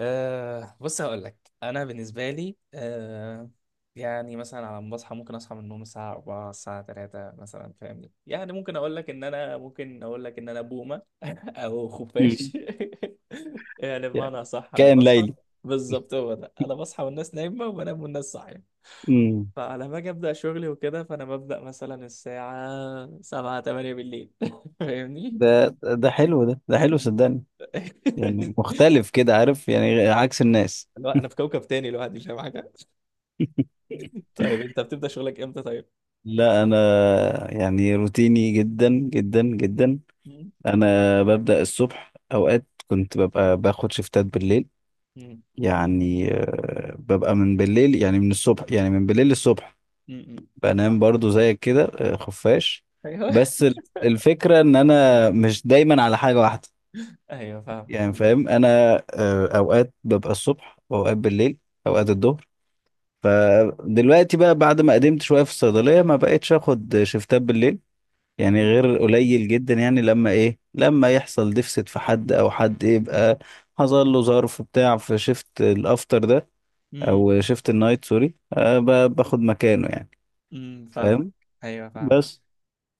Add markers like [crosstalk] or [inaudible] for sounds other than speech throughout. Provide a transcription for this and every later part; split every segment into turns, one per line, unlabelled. بص هقول لك انا بالنسبه لي يعني مثلا على ما بصحى ممكن اصحى من النوم الساعه 4 الساعه 3 مثلا فاهمني. يعني ممكن اقول لك ان انا بومه [laughs] او
مم.
خفاش. [laughs] يعني
يعني
بمعنى صح انا
كائن
بصحى.
ليلي.
بالظبط هو ده، انا بصحى والناس نايمه، وبنام والناس صاحيه.
مم.
فعلى ما اجي ابدا شغلي وكده فانا ببدا مثلا الساعه 7 8 بالليل [laughs] فاهمني.
ده ده حلو. ده حلو، صدقني. يعني
[laughs]
مختلف كده، عارف، يعني عكس الناس.
لا انا في كوكب تاني لوحدي مش فاهم حاجه. طيب انت بتبدا شغلك امتى طيب؟
لا، انا يعني روتيني جدا جدا جدا.
مم.
انا ببدأ الصبح، اوقات كنت ببقى باخد شفتات بالليل.
مم.
يعني ببقى من بالليل، يعني من الصبح، يعني من بالليل للصبح.
مم.
بنام
فاهم.
برضو زيك كده، خفاش.
ايوه.
بس
[laughs]
الفكرة ان انا مش دايما على حاجة واحدة.
ايوه فاهم.
يعني فاهم انا. اوقات ببقى الصبح واوقات بالليل، اوقات الظهر. فدلوقتي بقى بعد ما قدمت شويه في الصيدليه ما بقتش اخد شفتات بالليل، يعني
مم.
غير قليل جدا، يعني لما ايه لما يحصل ديفست في حد، او حد يبقى حصل له ظرف بتاع في شفت الافتر ده
مم.
او شفت النايت. سوري، باخد مكانه يعني.
مم. فاهمك.
فاهم.
ايوه فاهم.
بس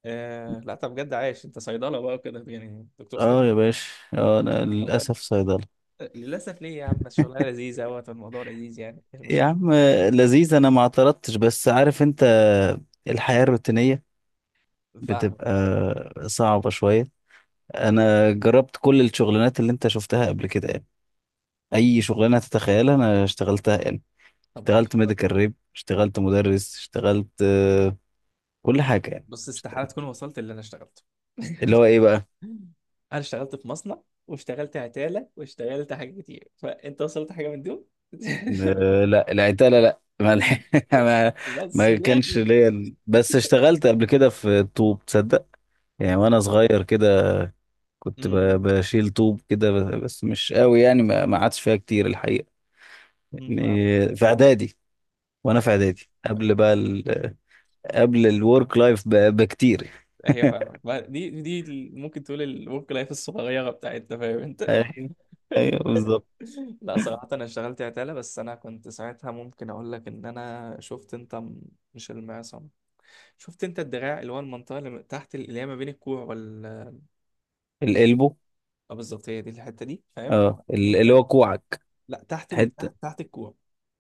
آه لا، طب بجد عايش؟ انت صيدله بقى وكده، يعني دكتور
اه يا
صيدله.
باشا، اه انا
طب،
للاسف صيدله.
للاسف ليه يا عم؟ الشغلانه لذيذه اهوت والموضوع لذيذ، يعني ايه
يا
المشكله؟
عم، لذيذ، انا ما اعترضتش، بس عارف انت، الحياة الروتينية
فاهم.
بتبقى صعبة شوية. انا جربت كل الشغلانات اللي انت شفتها قبل كده، يعني اي شغلانة تتخيلها انا اشتغلتها يعني.
طب، عايش
اشتغلت
أوي.
ميديكال ريب، اشتغلت مدرس، اشتغلت كل حاجة يعني.
بص، استحاله تكون وصلت اللي انا اشتغلته.
اللي هو
[laughs]
ايه بقى؟
انا اشتغلت في مصنع، واشتغلت عتاله، واشتغلت حاجات كتير، فانت وصلت حاجه من دول؟
لا، العتالة لا، ما الح- [laughs] ما
[laughs] بس في
ما كانش
الاخر.
ليا. بس اشتغلت قبل كده في طوب، تصدق؟ يعني وانا صغير كده كنت بشيل طوب كده، بس مش قوي، يعني ما عادش فيها كتير الحقيقه.
مهم. فاهم.
يعني في اعدادي، وانا
مش
في
عارف.
اعدادي
طيب،
قبل بقى قبل الورك لايف بكتير. [laughs]
هي فاهمة بقى دي. ممكن تقول الورك لايف الصغيرة بتاعتنا، فاهم انت؟ لا.
ايوه،
[laughs]
ايوه، بالظبط.
لا، صراحة انا اشتغلت عتالة، بس انا كنت ساعتها ممكن اقول لك ان انا شفت انت مش المعصم، شفت انت الدراع، اللي هو المنطقة اللي تحت اللي هي ما بين الكوع
القلبه.
اه بالظبط، هي دي الحتة دي، فاهم؟
اه، ال-
دي
اللي هو
كانت.
كوعك.
لا، تحت
حته
تحت الكوع.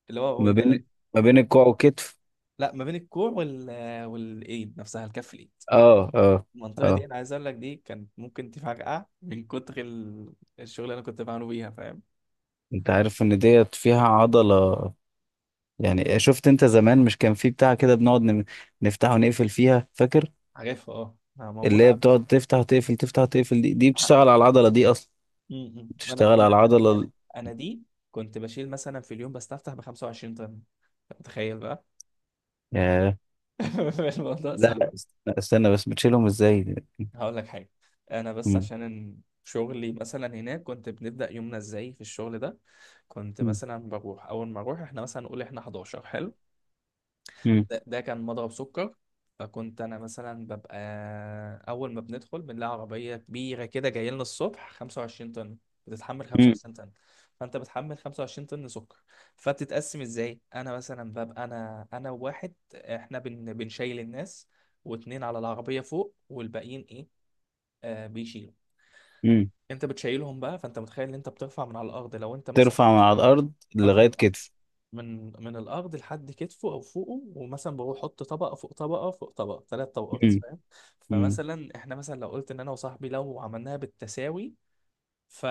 اللي هو
ما
وانت.
بين ما بين الكوع والكتف.
لا، ما بين الكوع والايد نفسها، الكف، الايد.
اه، اه،
المنطقة دي
اه،
أنا عايز أقول لك، دي كانت ممكن تفرقع من كتر الشغل اللي أنا كنت بعمله بيها، فاهم؟
انت عارف ان ديت فيها عضله؟ يعني شفت انت زمان، مش كان في بتاع كده بنقعد نفتح ونقفل فيها، فاكر؟
عارفها، اه.
اللي
موجود
هي
عندي.
بتقعد تفتح تقفل تفتح تقفل، دي
ع-
بتشتغل على العضلة دي أصلا.
م- م. أنا
بتشتغل على
أنا أنا
العضلة
أنا
ال-
أنا دي. كنت بشيل مثلا في اليوم بستفتح ب 25 طن، أنت متخيل بقى؟
ياه.
[laughs] الموضوع
لا
صعب.
لا، لا، استنى بس، بتشيلهم ازاي؟
هقول لك حاجة، أنا بس
مم.
عشان إن شغلي مثلا هناك. كنت بنبدأ يومنا إزاي في الشغل ده؟ كنت
مم.
مثلا بروح، أول ما أروح إحنا مثلا نقول إحنا 11، حلو؟
مم.
ده كان مضرب سكر. فكنت انا مثلا ببقى، اول ما بندخل بنلاقي عربيه كبيره كده جايه لنا الصبح 25 طن. بتتحمل
مم.
25 طن. فانت بتحمل 25 طن سكر. فبتتقسم ازاي؟ انا مثلا ببقى انا وواحد، احنا بنشيل الناس، واتنين على العربيه فوق، والباقيين ايه؟ بيشيلوا.
مم.
انت بتشيلهم بقى، فانت متخيل ان انت بترفع من على الارض. لو انت مثلا
ترفع من على الأرض
ارفع
لغاية كتف.
من الارض لحد كتفه او فوقه، ومثلا بروح احط طبقه فوق طبقه فوق طبقه، ثلاث طبقات،
مم.
فاهم؟
مم.
فمثلا احنا مثلا لو قلت ان انا وصاحبي لو عملناها بالتساوي ف.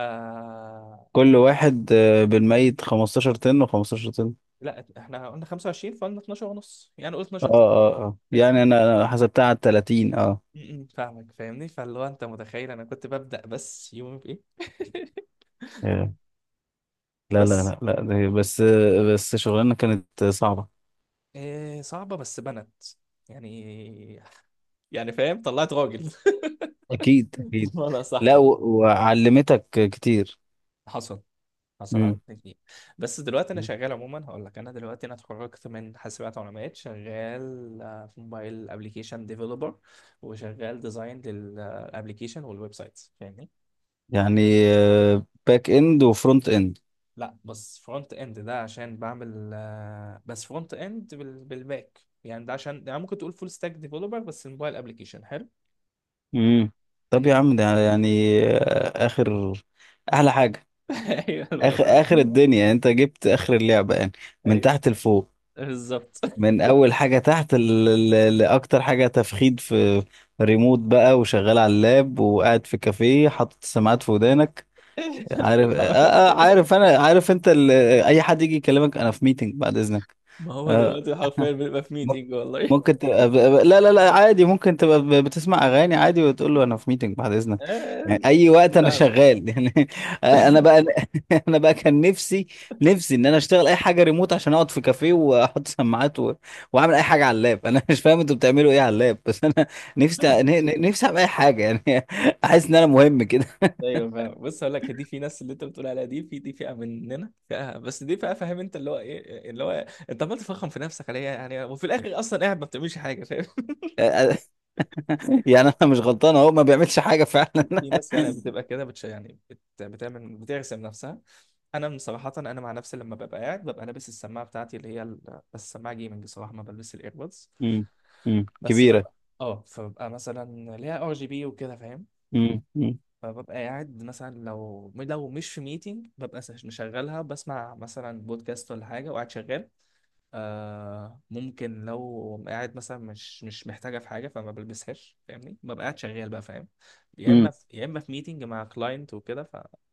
كل واحد بالميت 15 طن و15 طن.
لا احنا قلنا 25، فقلنا 12 ونص، يعني قلت
اه،
12 تاني،
اه، اه،
فاهمني.
يعني انا حسبتها على 30. اه.
م- م، فاهمك. فاهمني. فاللي هو انت متخيل انا كنت ببدأ بس يومي بايه. [laughs]
ياه. لا لا
بس.
لا لا، ده بس. بس شغلانة كانت صعبة.
إيه صعبة بس بنت، يعني. يعني فاهم، طلعت راجل.
اكيد، اكيد.
[laughs] ولا صح
لا
يعني.
وعلمتك كتير.
حصل. حصل على
مم.
2 جنيه. بس دلوقتي انا شغال، عموما هقول لك، انا دلوقتي انا اتخرجت من حاسبات ومعلومات، شغال في موبايل ابلكيشن ديفلوبر، وشغال ديزاين للابلكيشن والويب سايتس، فاهمني.
يعني باك اند وفرونت اند.
لا بس فرونت اند، ده عشان بعمل بس فرونت اند بالباك، يعني ده عشان يعني ممكن تقول فول ستاك ديفلوبر، بس الموبايل ابلكيشن حلو.
امم طب
إن-
يا عم، ده يعني اخر احلى حاجه،
[laughs] ايوه،
اخر
الموضوع.
اخر الدنيا، يعني انت جبت اخر اللعبه يعني. من
ايوه
تحت لفوق،
بالظبط.
من اول حاجه تحت لاكتر حاجه تفخيد في. ريموت بقى وشغال على اللاب، وقاعد في كافيه حاطط السماعات في ودانك، عارف؟
[laughs]
عارف انا، عارف انت. اي حد يجي يكلمك، انا في ميتنج بعد اذنك.
ما هو
آه،
دلوقتي حرفيا بنبقى في
م-
ميتنج والله.
ممكن تبقى. لا لا لا، عادي، ممكن تبقى بتسمع اغاني عادي، وتقول له انا في ميتنج بعد
[laughs]
اذنك.
آه،
يعني اي وقت انا
فاهمك.
شغال يعني. [laughs] انا بقى. [laughs] انا بقى كان نفسي ان انا اشتغل اي حاجه ريموت، عشان اقعد في كافيه واحط سماعات واعمل اي حاجه على اللاب. انا مش فاهم انتوا بتعملوا ايه على اللاب. [laughs] بس انا نفسي، نفسي اعمل اي حاجه يعني. [laughs] احس ان انا مهم كده.
ايوه فاهم. بص هقول لك، دي في ناس اللي انت بتقول عليها دي، في دي فئه مننا، فئه، بس دي فئه، فاهم انت اللي هو ايه اللي هو؟ انت عمال تفخم في نفسك عليها يعني، وفي الاخر اصلا قاعد ما بتعملش حاجه، فاهم؟ [laughs]
[laughs] يعني انا مش غلطان اهو، ما بيعملش حاجه فعلا.
في ناس يعني بتبقى كده يعني بتعمل، بترسم نفسها. انا من صراحه، انا مع نفسي لما ببقى قاعد ببقى لابس السماعه بتاعتي اللي هي بس السماعه جيمنج بصراحه، ما بلبس الايربودز.
[laughs] امم
بس
كبيره.
ببقى اه، فببقى مثلا ليها RGB وكده، فاهم.
امم
فببقى قاعد مثلا لو مش في ميتنج، ببقى مشغلها، بسمع مثلا بودكاست ولا حاجة وقاعد شغال. آه ممكن لو قاعد مثلا مش محتاجة في حاجة، فما بلبسهاش فاهمني، ببقى قاعد شغال بقى، فاهم.
امم
يا إما في ميتنج مع كلاينت وكده،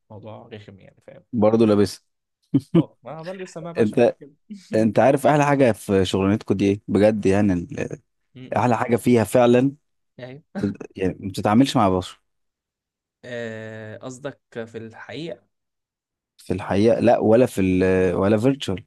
فموضوع رخم يعني، فاهم.
برضه لابس.
اه، ما أنا بلبس سماعة بقى عشان
انت
كده. [laughs]
انت عارف احلى حاجه في شغلانتكم دي ايه، بجد؟ يعني
م-م.
احلى حاجه فيها فعلا.
أيوه.
يعني ما بتتعاملش مع بشر.
قصدك في الحقيقة.
في الحقيقه، لا، ولا في ال، ولا فيرتشوال.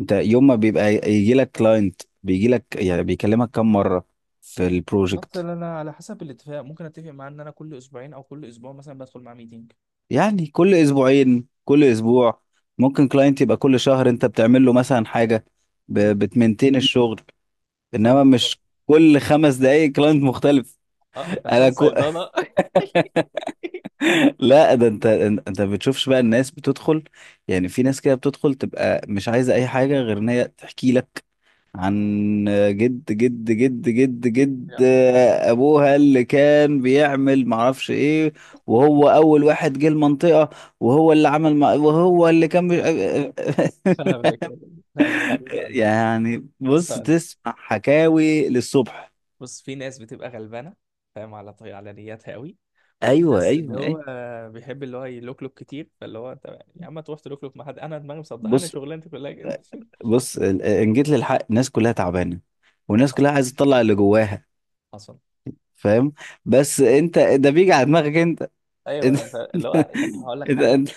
انت يوم ما بيبقى يجي لك كلاينت، بيجي لك يعني بيكلمك كم مره في البروجكت؟
مثلا انا على حسب الاتفاق ممكن اتفق معاه ان انا كل اسبوعين او كل اسبوع مثلا بدخل مع ميتنج.
يعني كل اسبوعين، كل اسبوع، ممكن كلاينت يبقى كل شهر. انت بتعمل له مثلا حاجه بتمنتين الشغل،
فاهم
انما
بالظبط.
مش كل 5 دقايق كلاينت مختلف.
اه انت عشان
انا.
صيدلة. [laughs]
لا، ده انت ما بتشوفش بقى الناس بتدخل. يعني في ناس كده بتدخل تبقى مش عايزه اي حاجه غير ان هي تحكي لك عن جد جد جد جد
يا
جد،
نهار ابيض.
ابوها اللي كان بيعمل معرفش ايه، وهو اول واحد جه المنطقه، وهو اللي عمل مع، وهو اللي كان.
فاهمك. لا الناس دي
[laughs]
هقول لك.
يعني
بص
بص
هقول لك.
تسمع حكاوي للصبح.
بص، في ناس بتبقى غلبانه، فاهم، على طي على نياتها قوي. وفي
ايوه،
ناس اللي
ايوه، ايوه.
هو بيحب اللي هو يلوكلوك كتير، فاللي هو انت يا عم تروح تلوكلوك مع حد؟ انا دماغي مصدق انا
بص،
شغلانتي كلها كده. [laughs]
بص، ان جيت للحق الناس كلها تعبانه، والناس كلها
حصل.
عايزه تطلع اللي جواها،
حصل.
فاهم؟ بس انت ده بيجي على دماغك انت. انت,
ايوه، انت اللي هو
[laughs]
هقول لك
انت,
حاجه.
انت.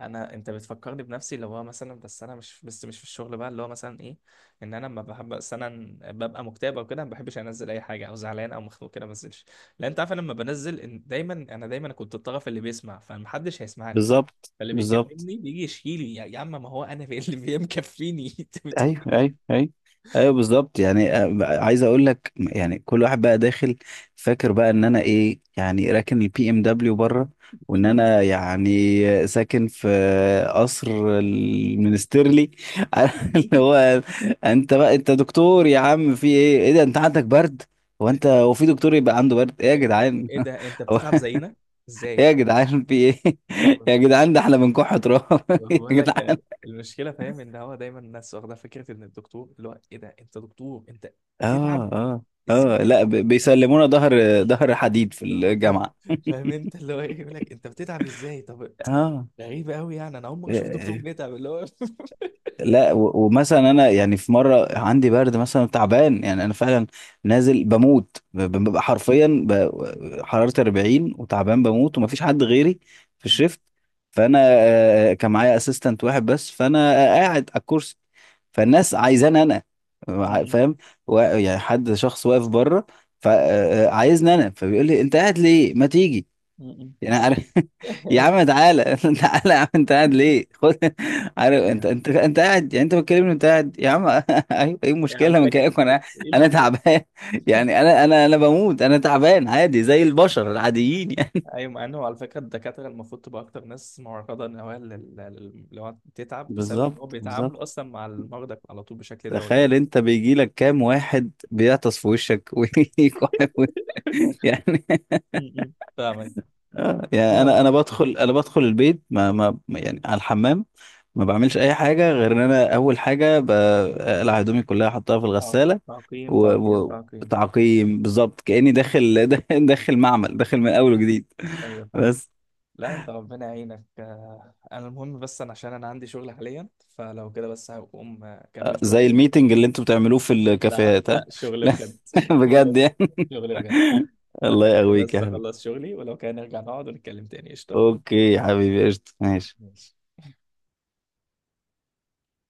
انا انت بتفكرني بنفسي، اللي هو مثلا بس انا مش، بس مش في الشغل بقى، اللي هو مثلا ايه، ان انا لما بحب مثلا ببقى مكتئب او كده ما بحبش انزل اي حاجه، او زعلان او مخنوق كده ما انزلش. لان انت عارف، أنا لما بنزل إن دايما، انا دايما كنت الطرف اللي بيسمع، فمحدش هيسمع لي.
بالظبط،
فاللي
بالظبط.
بيكلمني بيجي يشيلي، يا عم، ما هو انا [laughs] في اللي مكفيني. [laughs] انت بتقول
ايوه، ايوه، ايوه، ايوه، بالظبط. يعني عايز اقول لك يعني كل واحد بقى داخل، فاكر بقى ان انا ايه، يعني راكن البي ام دبليو بره، وان
ايه؟
انا يعني ساكن في قصر المنسترلي. [laughs] اللي
[laughs]
هو، انت بقى انت دكتور يا عم، في ايه ايه ده، انت عندك برد؟ هو انت، هو في دكتور يبقى عنده برد،
إيه،
ايه يا
إيه، إيه،
جدعان؟
إيه ده، انت بتتعب
[laughs]
زينا؟
ايه
ازاي؟
يا جدعان في ايه؟ [laughs] يا جدعان ده احنا بنكح تراب، [laughs] يا
بقول لك
جدعان.
يعني المشكله، فاهم، ان هو دايما الناس واخده فكره ان الدكتور اللي هو ايه، ده انت دكتور، انت
اه،
بتتعب
اه،
ازاي؟
اه، لا،
تتعب؟
بيسلمونا ظهر حديد في
[laughs]
الجامعة.
فاهم انت اللي هو ايه، يقول لك انت بتتعب ازاي طب.
اه،
غريبه قوي، يعني انا اول مره اشوف دكتور بيتعب، اللي هو. [laughs]
لا ومثلا انا يعني في مره عندي برد مثلا، تعبان، يعني انا فعلا نازل بموت، ببقى حرفيا حرارتي 40 وتعبان بموت، ومفيش حد غيري في
م-
الشيفت. فانا كان معايا اسيستنت واحد بس، فانا قاعد على الكرسي. فالناس عايزاني انا،
م-
فاهم؟ يعني حد شخص واقف بره، فعايزني انا، فبيقول لي انت قاعد ليه، ما تيجي؟
م-
يعني
آه.
عارف، [laughs] يا
[laughs]
عم تعالى، [laughs] تعالى يا عم، انت قاعد ليه، خد. [laughs] عارف، انت
أيوة.
انت انت قاعد، يعني انت بتكلمني انت قاعد يا عم. [laughs] ايوه، ايه
يعمل
المشكله من
لك ايه،
كلامك؟ انا
إيه
انا
المشكله؟
تعبان، [laughs] يعني انا بموت، انا تعبان عادي زي البشر العاديين يعني.
ايوه، مع انه على فكره الدكاتره المفروض تبقى اكتر ناس معرضه، ان هو اللي هو
[laughs]
تتعب، بسبب ان
بالظبط،
هو
بالظبط.
بيتعاملوا اصلا مع المرضى على طول بشكل دوري.
تخيل
[laughs]
انت بيجي لك كام واحد بيعطس في وشك، [laughs] ويكحف يعني
م. فاهمك.
يعني انا
اه.
انا بدخل انا بدخل البيت، يعني على الحمام ما بعملش اي حاجه غير ان انا اول حاجه بقلع هدومي كلها احطها في
آه.
الغساله.
تعقيم،
و...
تعقيم،
و...
تعقيم.
تعقيم بالظبط،
م-
كاني داخل [laughs] داخل معمل، داخل
م.
من اول وجديد.
ايوه فاهم.
بس
لا انت ربنا يعينك. انا المهم، بس انا عشان انا عندي شغل حاليا، فلو كده بس هقوم اكمل
زي
شغلي.
الميتنج اللي انتوا بتعملوه في
لا
الكافيهات، ها.
لا، شغل
لا. [laughs]
بجد. [laughs] شغل
بجد
بجد.
يعني.
شغل بجد.
[laughs] الله
فخليني
يقويك
بس
يا حبيبي.
اخلص شغلي، ولو كان نرجع نقعد ونتكلم تاني، قشطة.
اوكي يا حبيبي، قشطه، ماشي.
ماشي.